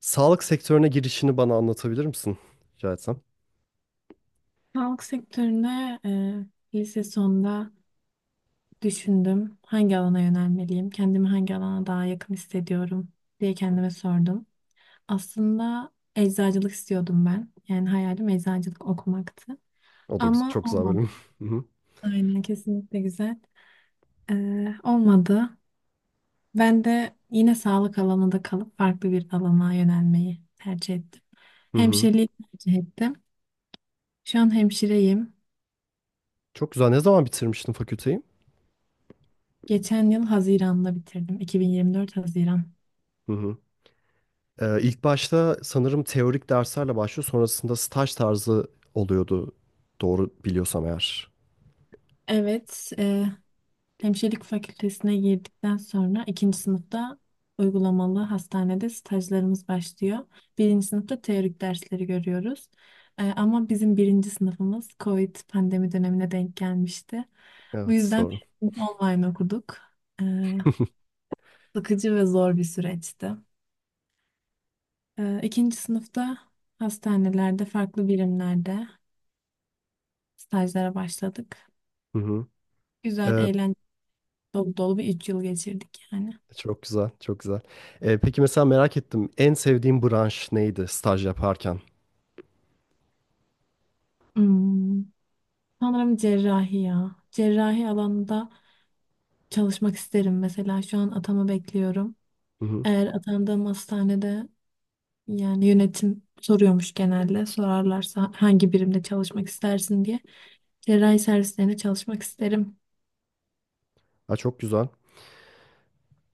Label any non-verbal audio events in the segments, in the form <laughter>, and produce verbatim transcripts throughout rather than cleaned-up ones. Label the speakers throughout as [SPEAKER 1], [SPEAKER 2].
[SPEAKER 1] Sağlık sektörüne girişini bana anlatabilir misin? Rica etsem.
[SPEAKER 2] Sağlık sektörüne e, lise sonunda düşündüm. Hangi alana yönelmeliyim? Kendimi hangi alana daha yakın hissediyorum diye kendime sordum. Aslında eczacılık istiyordum ben. Yani hayalim eczacılık okumaktı.
[SPEAKER 1] O da güz-
[SPEAKER 2] Ama
[SPEAKER 1] çok güzel
[SPEAKER 2] olmadı.
[SPEAKER 1] bölüm. <laughs> Hı hı.
[SPEAKER 2] Aynen kesinlikle güzel. E, olmadı. Ben de yine sağlık alanında kalıp farklı bir alana yönelmeyi tercih ettim.
[SPEAKER 1] Hı hı.
[SPEAKER 2] Hemşireliği tercih ettim. Şu an hemşireyim.
[SPEAKER 1] Çok güzel. Ne zaman bitirmiştin fakülteyi?
[SPEAKER 2] Geçen yıl Haziran'da bitirdim. iki bin yirmi dört Haziran.
[SPEAKER 1] Hı hı. Ee, ilk başta sanırım teorik derslerle başlıyor. Sonrasında staj tarzı oluyordu. Doğru biliyorsam eğer.
[SPEAKER 2] Evet, e, hemşirelik fakültesine girdikten sonra ikinci sınıfta uygulamalı hastanede stajlarımız başlıyor. Birinci sınıfta teorik dersleri görüyoruz. E, ama bizim birinci sınıfımız COVID pandemi dönemine denk gelmişti. Bu
[SPEAKER 1] Evet,
[SPEAKER 2] yüzden
[SPEAKER 1] doğru.
[SPEAKER 2] biz online okuduk. E,
[SPEAKER 1] <laughs>
[SPEAKER 2] Sıkıcı ve zor bir süreçti. E, ikinci sınıfta hastanelerde, farklı birimlerde stajlara başladık.
[SPEAKER 1] Hı hı.
[SPEAKER 2] Güzel,
[SPEAKER 1] Ee,
[SPEAKER 2] eğlenceli, dolu dolu bir üç yıl geçirdik yani.
[SPEAKER 1] Çok güzel, çok güzel. Ee, peki, mesela merak ettim. En sevdiğin branş neydi staj yaparken?
[SPEAKER 2] Hmm. Sanırım cerrahi ya. Cerrahi alanında çalışmak isterim mesela. Şu an atama bekliyorum.
[SPEAKER 1] Hı hı.
[SPEAKER 2] Eğer atandığım hastanede yani yönetim soruyormuş genelde. Sorarlarsa hangi birimde çalışmak istersin diye. Cerrahi servislerine çalışmak isterim.
[SPEAKER 1] Ha, çok güzel.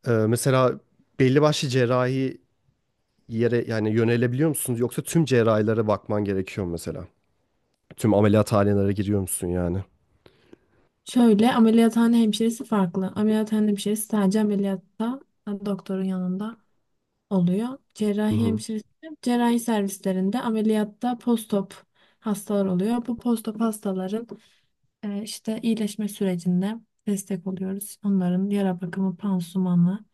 [SPEAKER 1] Ee, mesela belli başlı cerrahi yere yani yönelebiliyor musunuz, yoksa tüm cerrahilere bakman gerekiyor mu mesela? Tüm ameliyathanelere giriyor musun yani?
[SPEAKER 2] Şöyle ameliyathane hemşiresi farklı. Ameliyathane hemşiresi sadece ameliyatta doktorun yanında oluyor.
[SPEAKER 1] Hı
[SPEAKER 2] Cerrahi
[SPEAKER 1] hı.
[SPEAKER 2] hemşiresi, cerrahi servislerinde ameliyatta postop hastalar oluyor. Bu postop hastaların e, işte iyileşme sürecinde destek oluyoruz. Onların yara bakımı, pansumanı,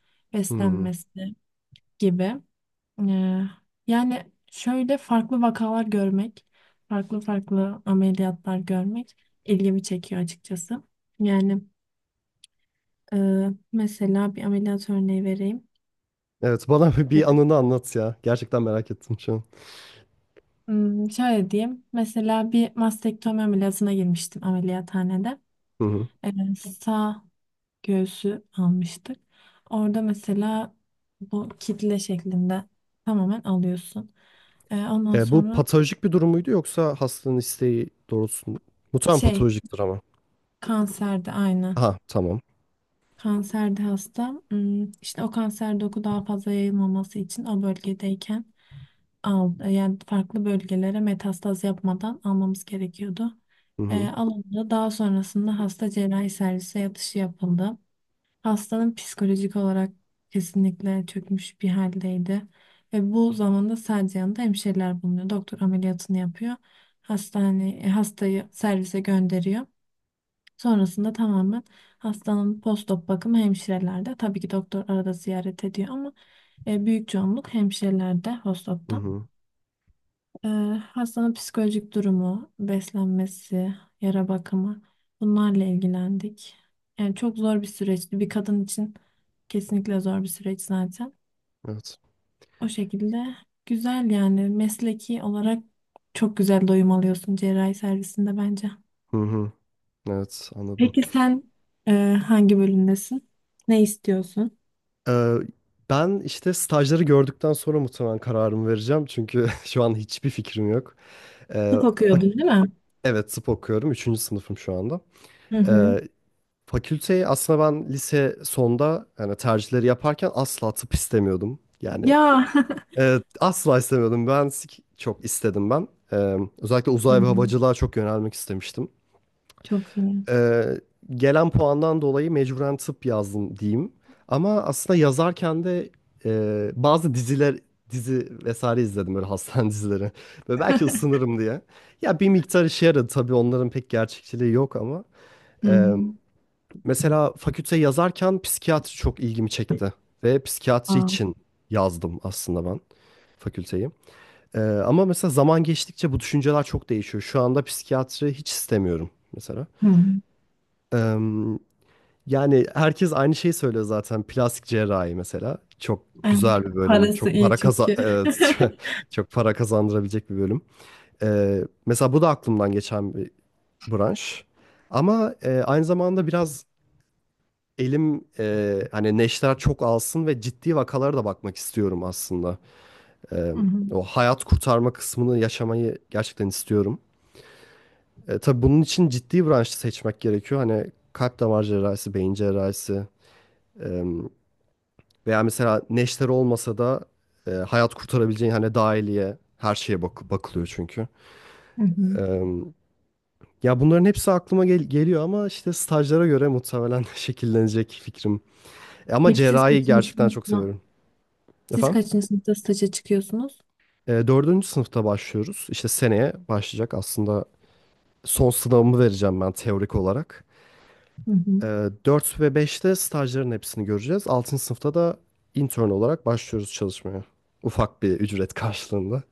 [SPEAKER 1] Hı.
[SPEAKER 2] beslenmesi gibi. E, Yani şöyle farklı vakalar görmek, farklı farklı ameliyatlar görmek ilgimi çekiyor açıkçası. Yani e, mesela bir ameliyat örneği vereyim.
[SPEAKER 1] Evet, bana <laughs> bir anını anlat ya. Gerçekten merak ettim şu an.
[SPEAKER 2] Hmm, şöyle diyeyim. Mesela bir mastektomi ameliyatına girmiştim ameliyathanede.
[SPEAKER 1] Hı hı.
[SPEAKER 2] Ee, Sağ göğsü almıştık. Orada mesela bu kitle şeklinde tamamen alıyorsun. Ee, ondan
[SPEAKER 1] E, bu
[SPEAKER 2] sonra
[SPEAKER 1] patolojik bir durum muydu, yoksa hastanın isteği doğrultusunda? Muhtemelen
[SPEAKER 2] şey
[SPEAKER 1] patolojiktir ama.
[SPEAKER 2] kanserde aynı.
[SPEAKER 1] Aha, tamam.
[SPEAKER 2] Kanserde hasta. Hmm, işte o kanser doku daha fazla yayılmaması için o bölgedeyken al, e, yani farklı bölgelere metastaz yapmadan almamız gerekiyordu.
[SPEAKER 1] Hı
[SPEAKER 2] E,
[SPEAKER 1] hı.
[SPEAKER 2] alındı. Daha sonrasında hasta cerrahi servise yatışı yapıldı. Hastanın psikolojik olarak kesinlikle çökmüş bir haldeydi. Ve bu zamanda sadece yanında hemşireler bulunuyor. Doktor ameliyatını yapıyor. Hastane, e, hastayı servise gönderiyor. Sonrasında tamamen hastanın postop bakımı hemşirelerde. Tabii ki doktor arada ziyaret ediyor ama e, büyük çoğunluk hemşirelerde
[SPEAKER 1] Hı
[SPEAKER 2] postopta.
[SPEAKER 1] hı.
[SPEAKER 2] E, Hastanın psikolojik durumu, beslenmesi, yara bakımı bunlarla ilgilendik. Yani çok zor bir süreçti. Bir kadın için kesinlikle zor bir süreç zaten.
[SPEAKER 1] Evet.
[SPEAKER 2] O şekilde güzel yani mesleki olarak çok güzel doyum alıyorsun cerrahi servisinde bence.
[SPEAKER 1] Hı hı. Evet, anladım.
[SPEAKER 2] Peki sen e, hangi bölümdesin? Ne istiyorsun?
[SPEAKER 1] Ee, Ben işte stajları gördükten sonra muhtemelen kararımı vereceğim. Çünkü <laughs> şu an hiçbir fikrim yok. Ee,
[SPEAKER 2] Tıp okuyordun
[SPEAKER 1] fak-
[SPEAKER 2] değil mi?
[SPEAKER 1] evet tıp okuyorum. Üçüncü sınıfım şu anda.
[SPEAKER 2] Hı hı.
[SPEAKER 1] Ee, Fakülteyi aslında ben lise sonda, yani tercihleri yaparken asla tıp istemiyordum. Yani
[SPEAKER 2] Ya. <laughs>
[SPEAKER 1] evet, asla istemiyordum. Mühendislik çok istedim ben. Ee, özellikle
[SPEAKER 2] Hı
[SPEAKER 1] uzay ve
[SPEAKER 2] hı.
[SPEAKER 1] havacılığa çok yönelmek istemiştim.
[SPEAKER 2] Çok iyi.
[SPEAKER 1] Ee, Gelen puandan dolayı mecburen tıp yazdım diyeyim. Ama aslında yazarken de e, bazı diziler dizi vesaire izledim, böyle hastane <laughs> dizileri. Ve belki ısınırım diye. Ya bir miktar işe yaradı tabii, onların pek gerçekçiliği yok ama.
[SPEAKER 2] Hı
[SPEAKER 1] e,
[SPEAKER 2] hı.
[SPEAKER 1] Mesela fakülte yazarken psikiyatri çok ilgimi çekti. Ve psikiyatri
[SPEAKER 2] Aa,
[SPEAKER 1] için yazdım aslında ben fakülteyi. E, ama mesela zaman geçtikçe bu düşünceler çok değişiyor. Şu anda psikiyatri hiç istemiyorum mesela.
[SPEAKER 2] hı hı.
[SPEAKER 1] Eee, Yani herkes aynı şeyi söylüyor zaten. Plastik cerrahi mesela. Çok
[SPEAKER 2] Evet.
[SPEAKER 1] güzel bir bölüm.
[SPEAKER 2] Parası
[SPEAKER 1] Çok
[SPEAKER 2] iyi
[SPEAKER 1] para kaza
[SPEAKER 2] çünkü.
[SPEAKER 1] <laughs> e,
[SPEAKER 2] <laughs>
[SPEAKER 1] çok para kazandırabilecek bir bölüm. E, mesela bu da aklımdan geçen bir branş. Ama e, aynı zamanda biraz elim e, hani neşter çok alsın ve ciddi vakalara da bakmak istiyorum aslında. E,
[SPEAKER 2] Hı hı.
[SPEAKER 1] O hayat kurtarma kısmını yaşamayı gerçekten istiyorum. E, tabii bunun için ciddi branşı seçmek gerekiyor. Hani kalp damar cerrahisi, beyin cerrahisi. Veya mesela neşter olmasa da e, hayat kurtarabileceğin, hani dahiliye, her şeye bak bakılıyor çünkü.
[SPEAKER 2] Hı hı.
[SPEAKER 1] E, Ya bunların hepsi aklıma gel- geliyor ama işte stajlara göre muhtemelen <laughs> şekillenecek fikrim. E, ama
[SPEAKER 2] Peki siz
[SPEAKER 1] cerrahi
[SPEAKER 2] kaçıncı
[SPEAKER 1] gerçekten çok
[SPEAKER 2] sınıfta,
[SPEAKER 1] seviyorum.
[SPEAKER 2] siz
[SPEAKER 1] Efendim?
[SPEAKER 2] kaçıncı sınıfta staja çıkıyorsunuz?
[SPEAKER 1] E, dördüncü sınıfta başlıyoruz. İşte seneye başlayacak aslında, son sınavımı vereceğim ben teorik olarak.
[SPEAKER 2] Hı hı.
[SPEAKER 1] E, dört ve beşte stajların hepsini göreceğiz. Altıncı sınıfta da intern olarak başlıyoruz çalışmaya. Ufak bir ücret karşılığında.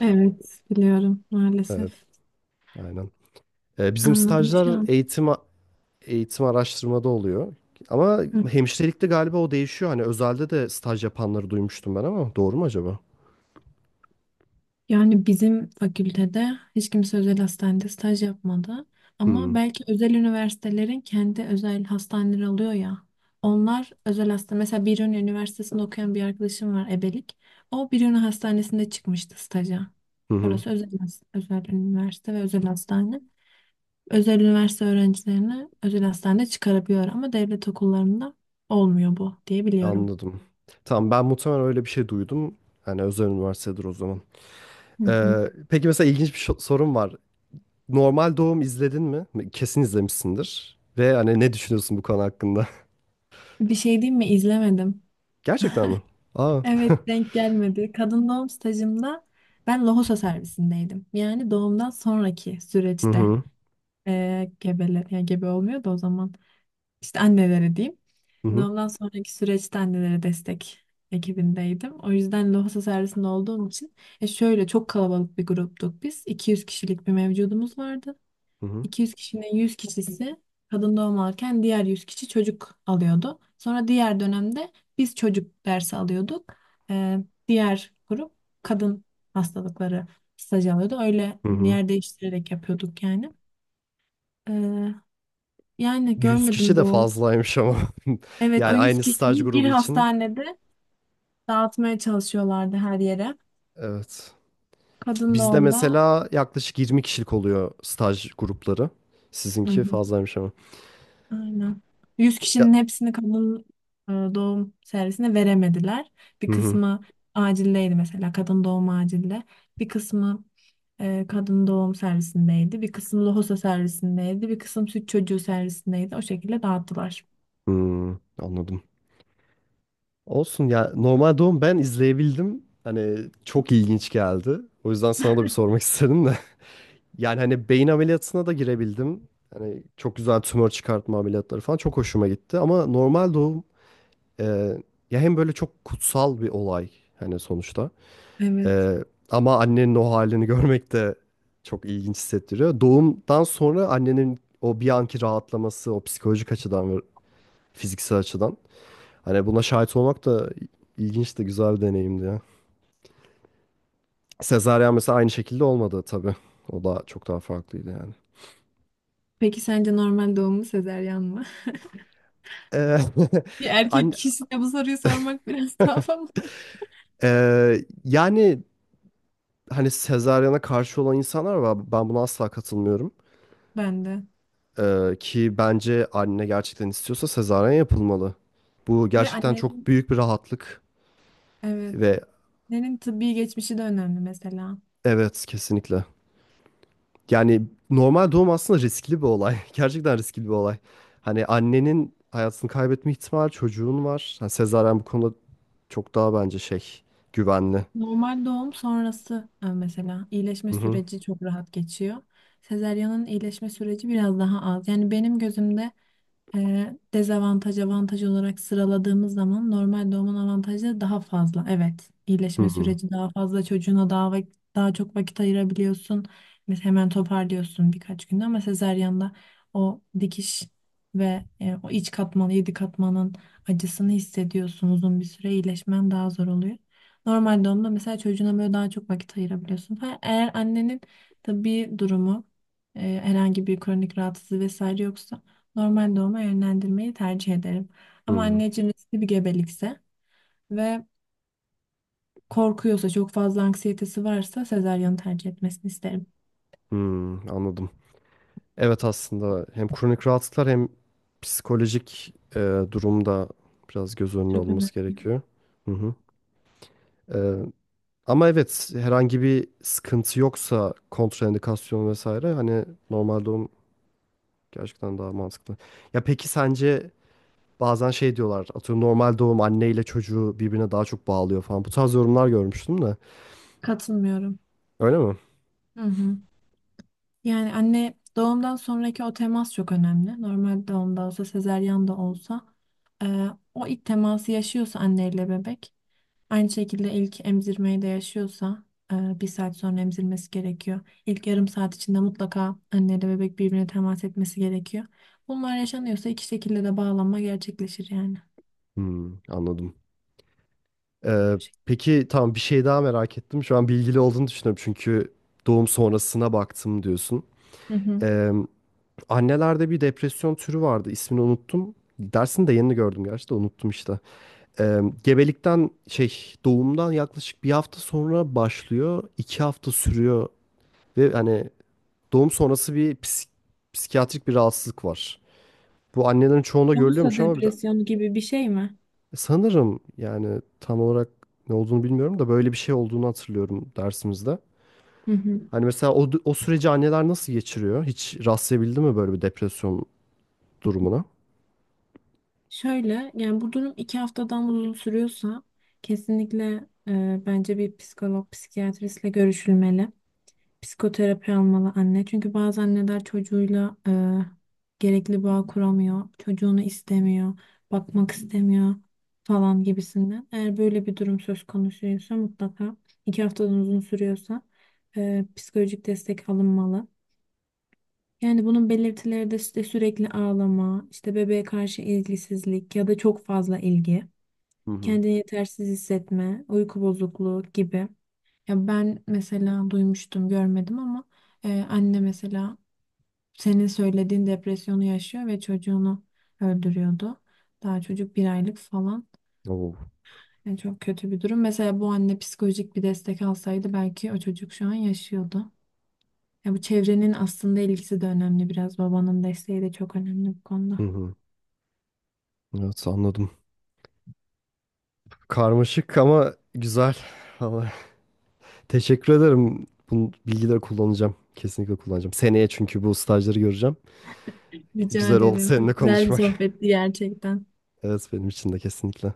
[SPEAKER 2] Evet, biliyorum
[SPEAKER 1] Evet,
[SPEAKER 2] maalesef.
[SPEAKER 1] aynen. Ee, bizim
[SPEAKER 2] Anladım şu
[SPEAKER 1] stajlar
[SPEAKER 2] an.
[SPEAKER 1] eğitim eğitim araştırmada oluyor. Ama hemşirelikte galiba o değişiyor. Hani özelde de staj yapanları duymuştum ben, ama doğru mu acaba?
[SPEAKER 2] Yani bizim fakültede hiç kimse özel hastanede staj yapmadı. Ama
[SPEAKER 1] Hmm.
[SPEAKER 2] belki özel üniversitelerin kendi özel hastaneleri oluyor ya. Onlar özel hasta. Mesela Biruni Üniversitesi'nde okuyan bir arkadaşım var ebelik. O Biruni Hastanesi'nde çıkmıştı staja.
[SPEAKER 1] Hı hı.
[SPEAKER 2] Orası özel, has- özel üniversite ve özel hastane. Özel üniversite öğrencilerini özel hastane çıkarabiliyor ama devlet okullarında olmuyor bu diye biliyorum.
[SPEAKER 1] Anladım. Tamam, ben muhtemelen öyle bir şey duydum. Hani özel üniversitedir o zaman.
[SPEAKER 2] Hı hı.
[SPEAKER 1] Ee, peki, mesela ilginç bir şo- sorum var. Normal doğum izledin mi? Kesin izlemişsindir. Ve hani ne düşünüyorsun bu konu hakkında?
[SPEAKER 2] Bir şey diyeyim mi? İzlemedim.
[SPEAKER 1] <laughs> Gerçekten mi? Aa. <laughs>
[SPEAKER 2] Evet denk gelmedi. Kadın doğum stajımda ben lohusa servisindeydim. Yani doğumdan sonraki
[SPEAKER 1] Hı
[SPEAKER 2] süreçte
[SPEAKER 1] hı.
[SPEAKER 2] eee gebeler yani gebe olmuyor da o zaman işte annelere diyeyim.
[SPEAKER 1] Hı hı.
[SPEAKER 2] Doğumdan sonraki süreçte annelere destek ekibindeydim. O yüzden lohusa servisinde olduğum için e şöyle çok kalabalık bir gruptuk biz. iki yüz kişilik bir mevcudumuz vardı.
[SPEAKER 1] Hı hı.
[SPEAKER 2] iki yüz kişinin yüz kişisi kadın doğum alırken diğer yüz kişi çocuk alıyordu. Sonra diğer dönemde biz çocuk dersi alıyorduk. Ee, Diğer grup kadın hastalıkları stajı alıyordu. Öyle
[SPEAKER 1] Hı hı.
[SPEAKER 2] yer değiştirerek yapıyorduk yani. Ee, Yani
[SPEAKER 1] Yüz kişi
[SPEAKER 2] görmedim
[SPEAKER 1] de
[SPEAKER 2] doğum.
[SPEAKER 1] fazlaymış ama. <laughs>
[SPEAKER 2] Evet o
[SPEAKER 1] Yani
[SPEAKER 2] yüz
[SPEAKER 1] aynı staj
[SPEAKER 2] kişiyi bir
[SPEAKER 1] grubu için.
[SPEAKER 2] hastanede dağıtmaya çalışıyorlardı her yere.
[SPEAKER 1] Evet.
[SPEAKER 2] Kadın
[SPEAKER 1] Bizde
[SPEAKER 2] doğumda
[SPEAKER 1] mesela yaklaşık yirmi kişilik oluyor staj grupları.
[SPEAKER 2] hı
[SPEAKER 1] Sizinki
[SPEAKER 2] hı.
[SPEAKER 1] fazlaymış ama.
[SPEAKER 2] Aynen. Yüz
[SPEAKER 1] Ya.
[SPEAKER 2] kişinin hepsini kadın e, doğum servisine veremediler. Bir
[SPEAKER 1] Hı hı.
[SPEAKER 2] kısmı acildeydi mesela kadın doğum acilde. Bir kısmı e, kadın doğum servisindeydi. Bir kısmı lohusa servisindeydi. Bir kısım süt çocuğu servisindeydi. O şekilde dağıttılar.
[SPEAKER 1] Hmm, anladım. Olsun ya. Normal doğum ben izleyebildim. Hani çok ilginç geldi. O yüzden sana da bir sormak istedim de. <laughs> Yani hani beyin ameliyatına da girebildim. Hani çok güzel tümör çıkartma ameliyatları falan çok hoşuma gitti. Ama normal doğum e, ya hem böyle çok kutsal bir olay, hani sonuçta.
[SPEAKER 2] Evet.
[SPEAKER 1] Ee, Ama annenin o halini görmek de çok ilginç hissettiriyor. Doğumdan sonra annenin o bir anki rahatlaması, o psikolojik açıdan ve fiziksel açıdan. Hani buna şahit olmak da ilginç de güzel bir deneyimdi ya. Sezaryen mesela aynı şekilde olmadı tabii. O da çok daha farklıydı yani.
[SPEAKER 2] Peki sence normal doğum mu sezeryan mı?
[SPEAKER 1] Ee,
[SPEAKER 2] <laughs> Bir
[SPEAKER 1] <laughs>
[SPEAKER 2] erkek
[SPEAKER 1] an-
[SPEAKER 2] kişisine bu soruyu sormak biraz <laughs> daha fazla.
[SPEAKER 1] ee, yani hani sezaryene karşı olan insanlar var. Ben buna asla katılmıyorum.
[SPEAKER 2] Ben de.
[SPEAKER 1] Ee, ki bence anne gerçekten istiyorsa sezaryen yapılmalı. Bu
[SPEAKER 2] Ve
[SPEAKER 1] gerçekten çok
[SPEAKER 2] annenin
[SPEAKER 1] büyük bir rahatlık
[SPEAKER 2] evet.
[SPEAKER 1] ve
[SPEAKER 2] Annenin tıbbi geçmişi de önemli mesela.
[SPEAKER 1] evet, kesinlikle. Yani normal doğum aslında riskli bir olay. <laughs> Gerçekten riskli bir olay. Hani annenin hayatını kaybetme ihtimali, çocuğun var. Yani sezaryen bu konuda çok daha bence şey, güvenli.
[SPEAKER 2] Normal doğum sonrası e, mesela iyileşme
[SPEAKER 1] Hı hı.
[SPEAKER 2] süreci çok rahat geçiyor. Sezaryanın iyileşme süreci biraz daha az. Yani benim gözümde e, dezavantaj avantaj olarak sıraladığımız zaman normal doğumun avantajları daha fazla. Evet,
[SPEAKER 1] Hı
[SPEAKER 2] iyileşme
[SPEAKER 1] hı.
[SPEAKER 2] süreci daha fazla çocuğuna daha vak- daha çok vakit ayırabiliyorsun. Mesela hemen toparlıyorsun birkaç günde ama sezaryanda o dikiş ve e, o iç katmanı, yedi katmanın acısını hissediyorsun. Uzun bir süre iyileşmen daha zor oluyor. Normal doğumda mesela çocuğuna böyle daha çok vakit ayırabiliyorsun. Ha, eğer annenin tabii durumu e, herhangi bir kronik rahatsızlığı vesaire yoksa normal doğuma yönlendirmeyi tercih ederim.
[SPEAKER 1] Hı
[SPEAKER 2] Ama
[SPEAKER 1] hı.
[SPEAKER 2] anneciğim riskli bir gebelikse ve korkuyorsa, çok fazla anksiyetesi varsa sezaryonu tercih etmesini isterim.
[SPEAKER 1] Hı, anladım. Evet, aslında hem kronik rahatsızlıklar hem psikolojik e, durumda biraz göz önüne
[SPEAKER 2] Çok önemli.
[SPEAKER 1] alınması gerekiyor. Hı hı. Ee, Ama evet, herhangi bir sıkıntı yoksa, kontraindikasyon vesaire, hani normal doğum gerçekten daha mantıklı. Ya peki sence, bazen şey diyorlar, atıyorum normal doğum anne ile çocuğu birbirine daha çok bağlıyor falan, bu tarz yorumlar görmüştüm de,
[SPEAKER 2] Katılmıyorum.
[SPEAKER 1] öyle mi?
[SPEAKER 2] Hı hı. Yani anne doğumdan sonraki o temas çok önemli. Normal doğumda olsa, sezaryen de olsa e, o ilk teması yaşıyorsa anneyle bebek aynı şekilde ilk emzirmeyi de yaşıyorsa e, bir saat sonra emzirmesi gerekiyor. İlk yarım saat içinde mutlaka anne ile bebek birbirine temas etmesi gerekiyor. Bunlar yaşanıyorsa iki şekilde de bağlanma gerçekleşir yani.
[SPEAKER 1] Hmm, anladım. Ee, peki tamam, bir şey daha merak ettim şu an, bilgili olduğunu düşünüyorum çünkü doğum sonrasına baktım diyorsun.
[SPEAKER 2] Hı hı.
[SPEAKER 1] Ee, Annelerde bir depresyon türü vardı, ismini unuttum. Dersini de yeni gördüm gerçi de unuttum işte. Ee, gebelikten şey Doğumdan yaklaşık bir hafta sonra başlıyor. İki hafta sürüyor ve hani doğum sonrası bir psik- psikiyatrik bir rahatsızlık var. Bu annelerin çoğunda
[SPEAKER 2] Yoksa
[SPEAKER 1] görülüyormuş, ama biraz,
[SPEAKER 2] depresyon gibi bir şey mi?
[SPEAKER 1] sanırım, yani tam olarak ne olduğunu bilmiyorum da böyle bir şey olduğunu hatırlıyorum dersimizde.
[SPEAKER 2] Hı hı.
[SPEAKER 1] Hani mesela o, o süreci anneler nasıl geçiriyor? Hiç rastlayabildi mi böyle bir depresyon durumuna?
[SPEAKER 2] Şöyle yani bu durum iki haftadan uzun sürüyorsa kesinlikle e, bence bir psikolog, psikiyatristle görüşülmeli. Psikoterapi almalı anne. Çünkü bazı anneler çocuğuyla e, gerekli bağ kuramıyor. Çocuğunu istemiyor, bakmak istemiyor falan gibisinden. Eğer böyle bir durum söz konusuysa mutlaka iki haftadan uzun sürüyorsa e, psikolojik destek alınmalı. Yani bunun belirtileri de işte sürekli ağlama, işte bebeğe karşı ilgisizlik ya da çok fazla ilgi
[SPEAKER 1] Hı hı.
[SPEAKER 2] kendini yetersiz hissetme, uyku bozukluğu gibi. Ya ben mesela duymuştum, görmedim ama e, anne mesela senin söylediğin depresyonu yaşıyor ve çocuğunu öldürüyordu. Daha çocuk bir aylık falan.
[SPEAKER 1] Oo.
[SPEAKER 2] Yani çok kötü bir durum. Mesela bu anne psikolojik bir destek alsaydı belki o çocuk şu an yaşıyordu. Ya bu çevrenin aslında ilgisi de önemli biraz. Babanın desteği de çok önemli bu
[SPEAKER 1] Hı
[SPEAKER 2] konuda.
[SPEAKER 1] hı. Evet, anladım. Karmaşık ama güzel. <laughs> Teşekkür ederim. Bu bilgileri kullanacağım. Kesinlikle kullanacağım. Seneye, çünkü bu stajları göreceğim.
[SPEAKER 2] Rica
[SPEAKER 1] Güzel oldu
[SPEAKER 2] ederim.
[SPEAKER 1] seninle
[SPEAKER 2] Çok güzel bir
[SPEAKER 1] konuşmak. <laughs>
[SPEAKER 2] sohbetti gerçekten.
[SPEAKER 1] Evet, benim için de kesinlikle.